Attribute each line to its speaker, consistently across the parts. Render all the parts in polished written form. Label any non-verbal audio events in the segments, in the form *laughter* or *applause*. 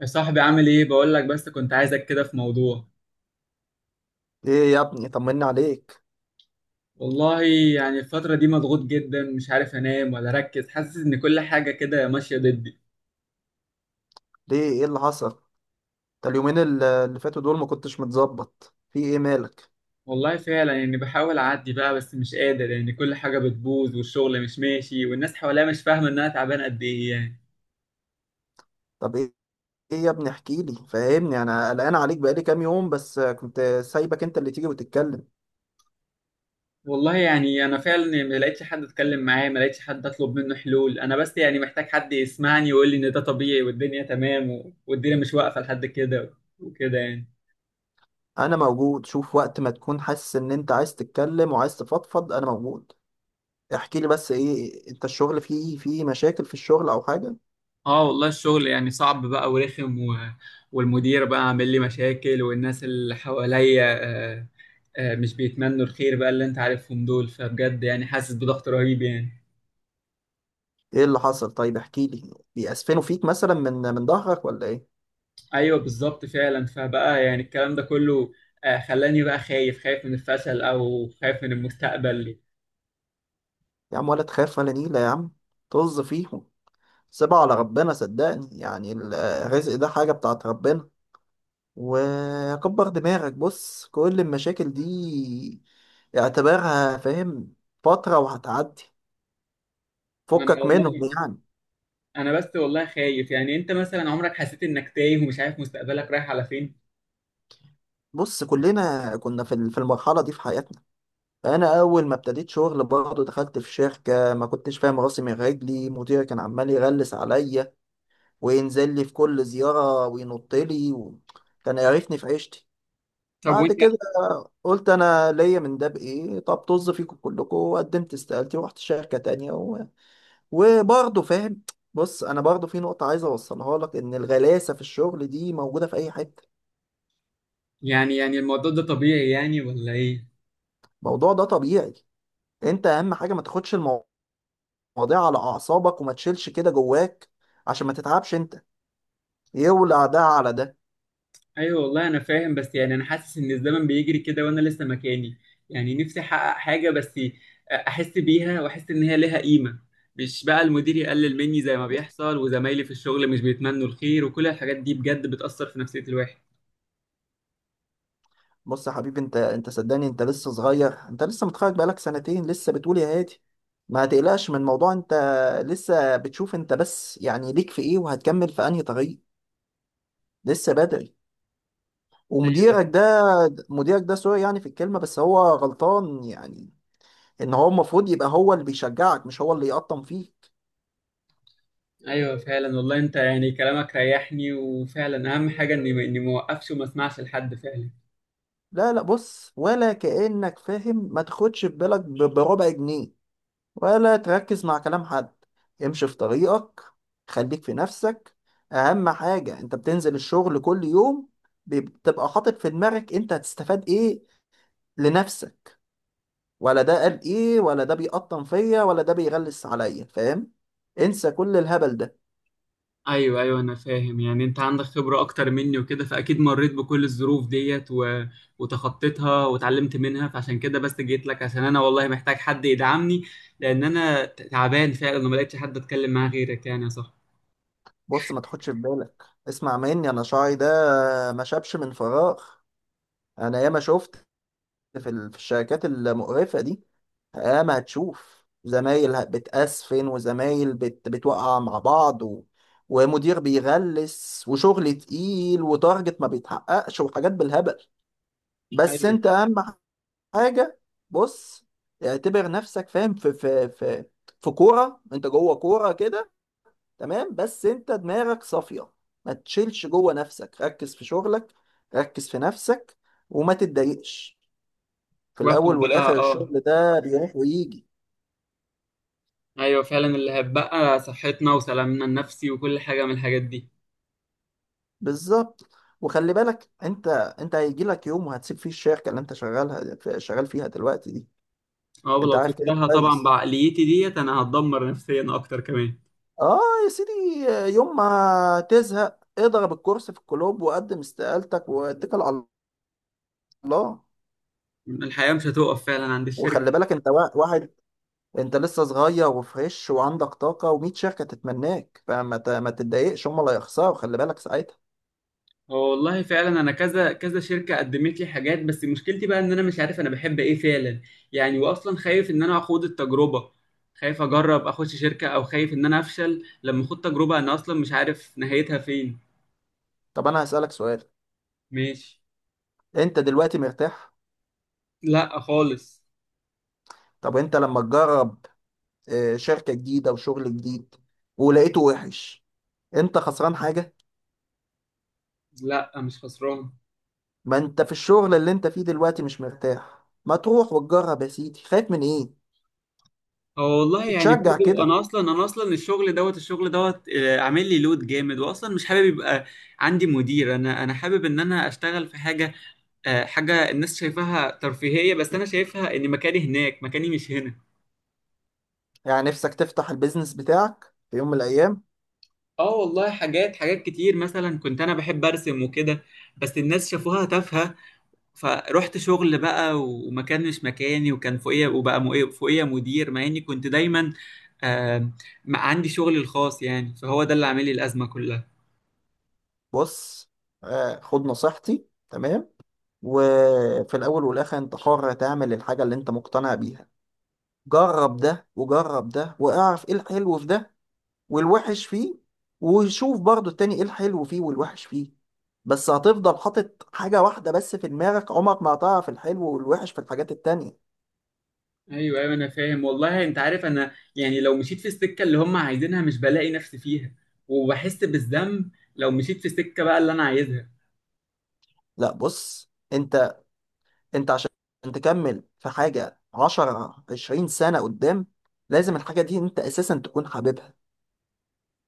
Speaker 1: يا صاحبي، عامل ايه؟ بقول لك بس كنت عايزك كده في موضوع.
Speaker 2: ايه يا ابني، طمني عليك.
Speaker 1: والله يعني الفترة دي مضغوط جدا، مش عارف انام ولا اركز، حاسس ان كل حاجة كده ماشية ضدي.
Speaker 2: ليه؟ ايه اللي حصل؟ ده اليومين اللي فاتوا دول ما كنتش متظبط في ايه؟ مالك؟
Speaker 1: والله فعلا، يعني بحاول اعدي بقى بس مش قادر، يعني كل حاجة بتبوظ والشغل مش ماشي والناس حواليا مش فاهمة ان انا تعبان قد ايه يعني.
Speaker 2: طب ايه؟ ايه يا ابني احكي لي، فاهمني، انا قلقان عليك بقالي كام يوم، بس كنت سايبك انت اللي تيجي وتتكلم.
Speaker 1: والله يعني انا فعلا يعني ما لقيتش حد اتكلم معاه، ما لقيتش حد اطلب منه حلول، انا بس يعني محتاج حد يسمعني ويقول لي ان ده طبيعي والدنيا تمام والدنيا مش واقفة لحد كده، وكده يعني.
Speaker 2: انا موجود، شوف وقت ما تكون حاسس ان انت عايز تتكلم وعايز تفضفض انا موجود. احكي لي، بس ايه انت؟ الشغل فيه مشاكل؟ في الشغل او حاجة؟
Speaker 1: اه والله الشغل يعني صعب بقى ورخم. والمدير بقى عامل لي مشاكل، والناس اللي حواليا آه، مش بيتمنوا الخير بقى، اللي انت عارفهم دول، فبجد يعني حاسس بضغط رهيب يعني.
Speaker 2: ايه اللي حصل؟ طيب احكي لي، بيأسفنوا فيك مثلا؟ من ظهرك ولا ايه؟
Speaker 1: ايوه بالظبط فعلا، فبقى يعني الكلام ده كله خلاني بقى خايف، خايف من الفشل او خايف من المستقبل.
Speaker 2: يا عم ولا تخاف ولا نيلة يا عم، طز فيه، سيبها على ربنا، صدقني يعني الرزق ده حاجة بتاعت ربنا، وكبر دماغك، بص كل المشاكل دي اعتبرها، فاهم، فترة وهتعدي،
Speaker 1: ما انا
Speaker 2: فكك منهم
Speaker 1: والله
Speaker 2: يعني.
Speaker 1: انا بس والله خايف، يعني انت مثلا عمرك حسيت انك تايه ومش عارف مستقبلك رايح على فين؟
Speaker 2: بص كلنا كنا في في المرحلة دي في حياتنا. أنا أول ما ابتديت شغل برضه دخلت في شركة، ما كنتش فاهم راسي من رجلي، مديري كان عمال يغلس عليا، وينزل لي في كل زيارة وينط لي كان يعرفني في عيشتي.
Speaker 1: طب
Speaker 2: بعد
Speaker 1: وانت،
Speaker 2: كده قلت انا ليا من ده بايه؟ طب طز فيكم كلكم، وقدمت استقالتي ورحت شركه تانية و... وبرضه فاهم، بص انا برضه في نقطه عايز اوصلها لك، ان الغلاسه في الشغل دي موجوده في اي حته.
Speaker 1: يعني يعني الموضوع ده طبيعي يعني ولا ايه؟
Speaker 2: الموضوع ده طبيعي، انت اهم حاجه ما تاخدش المواضيع على اعصابك، وما تشيلش كده جواك عشان ما تتعبش انت، يولع ده على ده.
Speaker 1: ايوه والله انا فاهم، بس يعني انا حاسس ان الزمن بيجري كده وانا لسه مكاني، يعني نفسي احقق حاجه بس احس بيها واحس ان هي لها قيمه، مش بقى المدير يقلل مني زي ما بيحصل، وزمايلي في الشغل مش بيتمنوا الخير، وكل الحاجات دي بجد بتأثر في نفسية الواحد.
Speaker 2: بص يا حبيبي، انت صدقني انت لسه صغير، انت لسه متخرج بقالك سنتين، لسه بتقول يا هادي. ما هتقلقش من الموضوع انت، لسه بتشوف انت، بس يعني ليك في ايه وهتكمل في انهي طريق، لسه بدري.
Speaker 1: ايوه،
Speaker 2: ومديرك ده، مديرك ده، سوري يعني في الكلمة بس هو غلطان يعني، ان هو المفروض يبقى هو اللي بيشجعك، مش هو اللي يقطم فيك.
Speaker 1: ايوه فعلا والله، انت يعني كلامك ريحني، وفعلا اهم حاجه اني ما اوقفش وما اسمعش لحد فعلا.
Speaker 2: لا لا، بص، ولا كأنك فاهم، ما تاخدش في بالك بربع جنيه، ولا تركز مع كلام حد، امشي في طريقك، خليك في نفسك. اهم حاجة انت بتنزل الشغل كل يوم، بتبقى حاطط في دماغك انت هتستفاد ايه لنفسك، ولا ده قال ايه، ولا ده بيقطن فيا، ولا ده بيغلس عليا، فاهم؟ انسى كل الهبل ده.
Speaker 1: ايوه، ايوه انا فاهم، يعني انت عندك خبرة اكتر مني وكده، فاكيد مريت بكل الظروف ديت, وتخطيتها واتعلمت منها، فعشان كده بس جيت لك، عشان انا والله محتاج حد يدعمني، لان انا تعبان فعلا وما لقيتش حد اتكلم معاه غيرك يعني يا صاحبي.
Speaker 2: بص ما تاخدش في بالك، اسمع مني انا شعري ده ما شابش من فراغ، انا ياما شفت في في الشركات المقرفة دي. اه، ما هتشوف زمايل بتأسفن، وزمايل بتوقع مع بعض ومدير بيغلس، وشغل تقيل، وتارجت ما بيتحققش، وحاجات بالهبل. بس
Speaker 1: ايوه،
Speaker 2: انت اهم حاجة، بص، اعتبر نفسك، فاهم، في في في كورة، انت جوه كورة كده، تمام، بس انت دماغك صافية، ما تشيلش جوه نفسك، ركز في شغلك، ركز في نفسك، وما تتضايقش. في
Speaker 1: واخد
Speaker 2: الاول
Speaker 1: بقى
Speaker 2: والاخر
Speaker 1: اه.
Speaker 2: الشغل ده بيروح ويجي.
Speaker 1: ايوه فعلا، اللي هتبقى صحتنا وسلامنا النفسي وكل حاجة من الحاجات دي.
Speaker 2: بالظبط، وخلي بالك انت، انت هيجي لك يوم وهتسيب فيه الشركه اللي انت شغالها شغال فيها دلوقتي دي.
Speaker 1: اه،
Speaker 2: انت
Speaker 1: ولو
Speaker 2: عارف كده
Speaker 1: سبتها طبعا
Speaker 2: كويس،
Speaker 1: بعقليتي ديت انا هتدمر نفسيا اكتر كمان.
Speaker 2: اه، يا سيدي، يوم ما تزهق اضرب الكرسي في الكلوب وقدم استقالتك واتكل على الله.
Speaker 1: الحياة مش هتوقف فعلا عند
Speaker 2: وخلي
Speaker 1: الشركة.
Speaker 2: بالك انت واحد، انت لسه صغير وفريش وعندك طاقه و100 شركه تتمناك، فما ما تتضايقش، هم اللي هيخسروا، خلي بالك ساعتها.
Speaker 1: هو والله فعلا انا كذا كذا شركه قدمت لي حاجات، بس مشكلتي بقى ان انا مش عارف انا بحب ايه فعلا، يعني واصلا خايف ان انا اخوض التجربه، خايف اجرب اخش شركه، او خايف ان انا افشل لما اخوض تجربه انا اصلا مش عارف نهايتها فين.
Speaker 2: طب انا هسالك سؤال،
Speaker 1: ماشي.
Speaker 2: انت دلوقتي مرتاح؟
Speaker 1: لا خالص.
Speaker 2: طب انت لما تجرب شركة جديدة وشغل جديد ولقيته وحش، انت خسران حاجة؟
Speaker 1: لا مش خسران.
Speaker 2: ما انت في الشغل اللي انت فيه دلوقتي مش مرتاح، ما تروح وتجرب يا سيدي، خايف من ايه؟
Speaker 1: هو والله يعني
Speaker 2: تشجع
Speaker 1: برضو
Speaker 2: كده،
Speaker 1: انا اصلا الشغل دوت، الشغل دوت، عامل لي لود جامد، واصلا مش حابب يبقى عندي مدير، انا حابب ان انا اشتغل في حاجه حاجة الناس شايفاها ترفيهية، بس أنا شايفها إن مكاني هناك، مكاني مش هنا.
Speaker 2: يعني نفسك تفتح البيزنس بتاعك في يوم من الايام؟
Speaker 1: آه والله، حاجات، حاجات كتير مثلا، كنت أنا بحب أرسم وكده بس الناس شافوها تافهة، فروحت شغل بقى ومكان مش مكاني، وكان فوقيا، فوقيا مدير، مع إني كنت دايما آه ما عندي شغلي الخاص، يعني فهو ده اللي عامل لي الأزمة كلها.
Speaker 2: بص، خد نصيحتي، تمام؟ وفي الاول والاخر انت حر تعمل الحاجة اللي انت مقتنع بيها، جرب ده وجرب ده واعرف ايه الحلو في ده والوحش فيه، وشوف برضو التاني ايه الحلو فيه والوحش فيه. بس هتفضل حاطط حاجة واحدة بس في دماغك، عمرك ما هتعرف الحلو والوحش في الحاجات التانية.
Speaker 1: ايوه، ايوه انا فاهم والله، انت عارف انا يعني لو مشيت في السكه اللي هم عايزينها مش بلاقي نفسي فيها، وبحس بالذنب. لو مشيت في السكه بقى اللي انا عايزها.
Speaker 2: لا بص انت عشان تكمل في حاجة 10 20 سنة قدام لازم الحاجة دي انت اساسا تكون حاببها،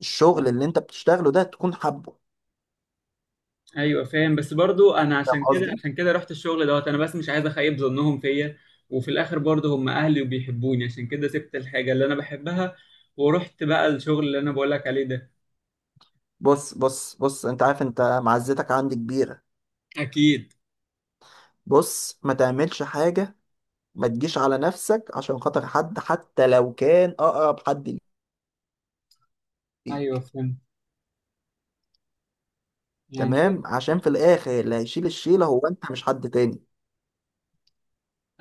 Speaker 2: الشغل اللي انت بتشتغله ده تكون حابه،
Speaker 1: ايوه فاهم، بس برضو انا
Speaker 2: فاهم
Speaker 1: عشان كده،
Speaker 2: قصدي؟
Speaker 1: عشان كده رحت الشغل دوت، انا بس مش عايز اخيب ظنهم فيا، وفي الاخر برضو هم اهلي وبيحبوني، عشان كده سبت الحاجه اللي انا بحبها ورحت بقى الشغل اللي انا بقولك عليه ده.
Speaker 2: بص بص بص، انت عارف انت معزتك عندي كبيرة.
Speaker 1: اكيد.
Speaker 2: بص ما تعملش حاجة، ما تجيش على نفسك عشان خاطر حد، حتى لو كان اقرب حد
Speaker 1: ايوه
Speaker 2: ليك،
Speaker 1: فهمت يعني.
Speaker 2: تمام؟ عشان في الاخر اللي هيشيل الشيله هو انت، مش حد تاني.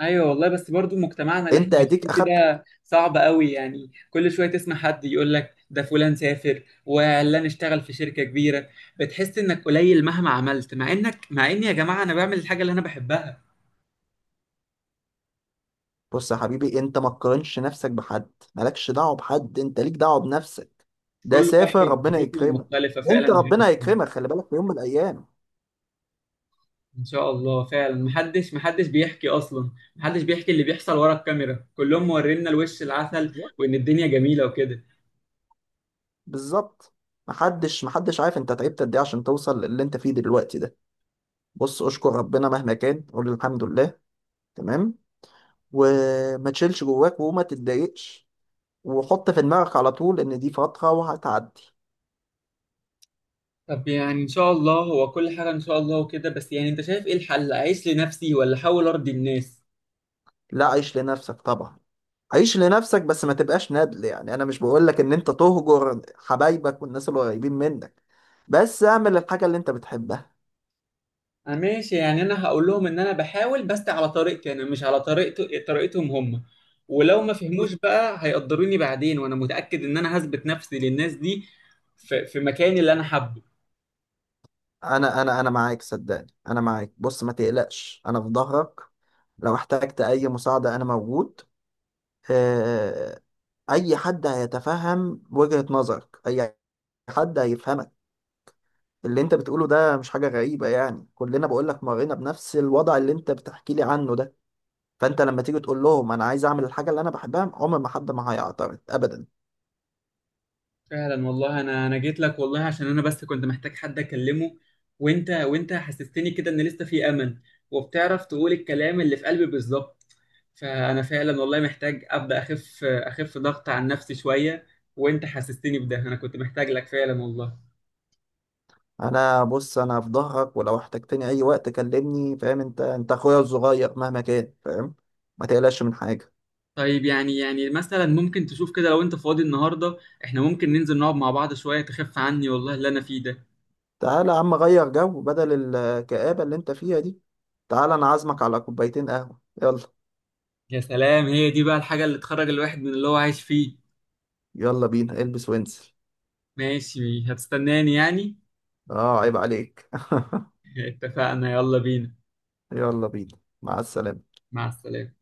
Speaker 1: ايوه والله، بس برضو مجتمعنا اللي احنا
Speaker 2: انت اديك
Speaker 1: عايشين فيه
Speaker 2: اخدت.
Speaker 1: ده صعب قوي، يعني كل شويه تسمع حد يقول لك ده فلان سافر وعلان اشتغل في شركه كبيره، بتحس انك قليل مهما عملت، مع انك، مع ان يا جماعه انا بعمل الحاجه اللي انا بحبها.
Speaker 2: بص يا حبيبي، انت ما تقارنش نفسك بحد، مالكش دعوه بحد، انت ليك دعوه بنفسك، ده
Speaker 1: كل
Speaker 2: سافر
Speaker 1: واحد
Speaker 2: ربنا
Speaker 1: ظروفه
Speaker 2: يكرمه،
Speaker 1: مختلفة فعلا
Speaker 2: انت
Speaker 1: غير
Speaker 2: ربنا
Speaker 1: التاني.
Speaker 2: هيكرمك خلي بالك، في يوم من الايام.
Speaker 1: إن شاء الله فعلا، محدش، محدش بيحكي أصلا، محدش بيحكي اللي بيحصل ورا الكاميرا، كلهم مورينا الوش العسل
Speaker 2: بالظبط.
Speaker 1: وإن الدنيا جميلة وكده.
Speaker 2: بالظبط. محدش محدش عارف انت تعبت قد ايه عشان توصل للي انت فيه دلوقتي ده. بص اشكر ربنا مهما كان، قول الحمد لله، تمام، وما تشيلش جواك، وما تتضايقش، وحط في دماغك على طول ان دي فترة وهتعدي.
Speaker 1: طب يعني إن شاء الله، هو كل حاجة إن شاء الله وكده، بس يعني أنت شايف إيه الحل، أعيش لنفسي ولا أحاول أرضي الناس؟
Speaker 2: لا، عيش لنفسك طبعا، عيش لنفسك بس ما تبقاش ندل، يعني انا مش بقولك ان انت تهجر حبايبك والناس اللي قريبين منك، بس اعمل الحاجة اللي انت بتحبها.
Speaker 1: أنا ماشي، يعني أنا هقول لهم إن أنا بحاول، بس على طريقتي أنا، مش على طريقتهم هم، ولو ما فهموش بقى هيقدروني بعدين، وأنا متأكد إن أنا هثبت نفسي للناس دي في مكاني اللي أنا حابه.
Speaker 2: انا معاك، صدقني انا معاك، بص ما تقلقش انا في ظهرك، لو احتجت اي مساعدة انا موجود. آه، اي حد هيتفهم وجهة نظرك، اي حد هيفهمك، اللي انت بتقوله ده مش حاجة غريبة، يعني كلنا، بقول لك، مرينا بنفس الوضع اللي انت بتحكي لي عنه ده، فانت لما تيجي تقول لهم انا عايز اعمل الحاجة اللي انا بحبها، عمر ما حد ما هيعترض ابدا.
Speaker 1: فعلا والله، انا جيت لك والله، عشان انا بس كنت محتاج حد اكلمه، وانت حسستني كده ان لسه في امل، وبتعرف تقول الكلام اللي في قلبي بالظبط، فانا فعلا والله محتاج ابدا اخف، اخف ضغط عن نفسي شويه، وانت حسستني بده، انا كنت محتاج لك فعلا والله.
Speaker 2: انا، بص، انا في ظهرك، ولو احتجتني اي وقت كلمني، فاهم انت، انت اخويا الصغير مهما كان، فاهم، ما تقلقش من حاجة.
Speaker 1: طيب يعني، يعني مثلا ممكن تشوف كده لو انت فاضي النهارده، احنا ممكن ننزل نقعد مع بعض شويه تخف عني والله اللي انا فيه ده.
Speaker 2: تعالى يا عم غير جو، بدل الكآبة اللي انت فيها دي، تعالى انا عازمك على كوبايتين قهوة، يلا.
Speaker 1: يا سلام، هي دي بقى الحاجه اللي تخرج الواحد من اللي هو عايش فيه.
Speaker 2: يلا بينا، البس وانزل.
Speaker 1: ماشي، هتستناني يعني؟
Speaker 2: اه عيب عليك.
Speaker 1: اتفقنا، يلا بينا.
Speaker 2: *laughs* يلا بينا، مع السلامة.
Speaker 1: مع السلامة.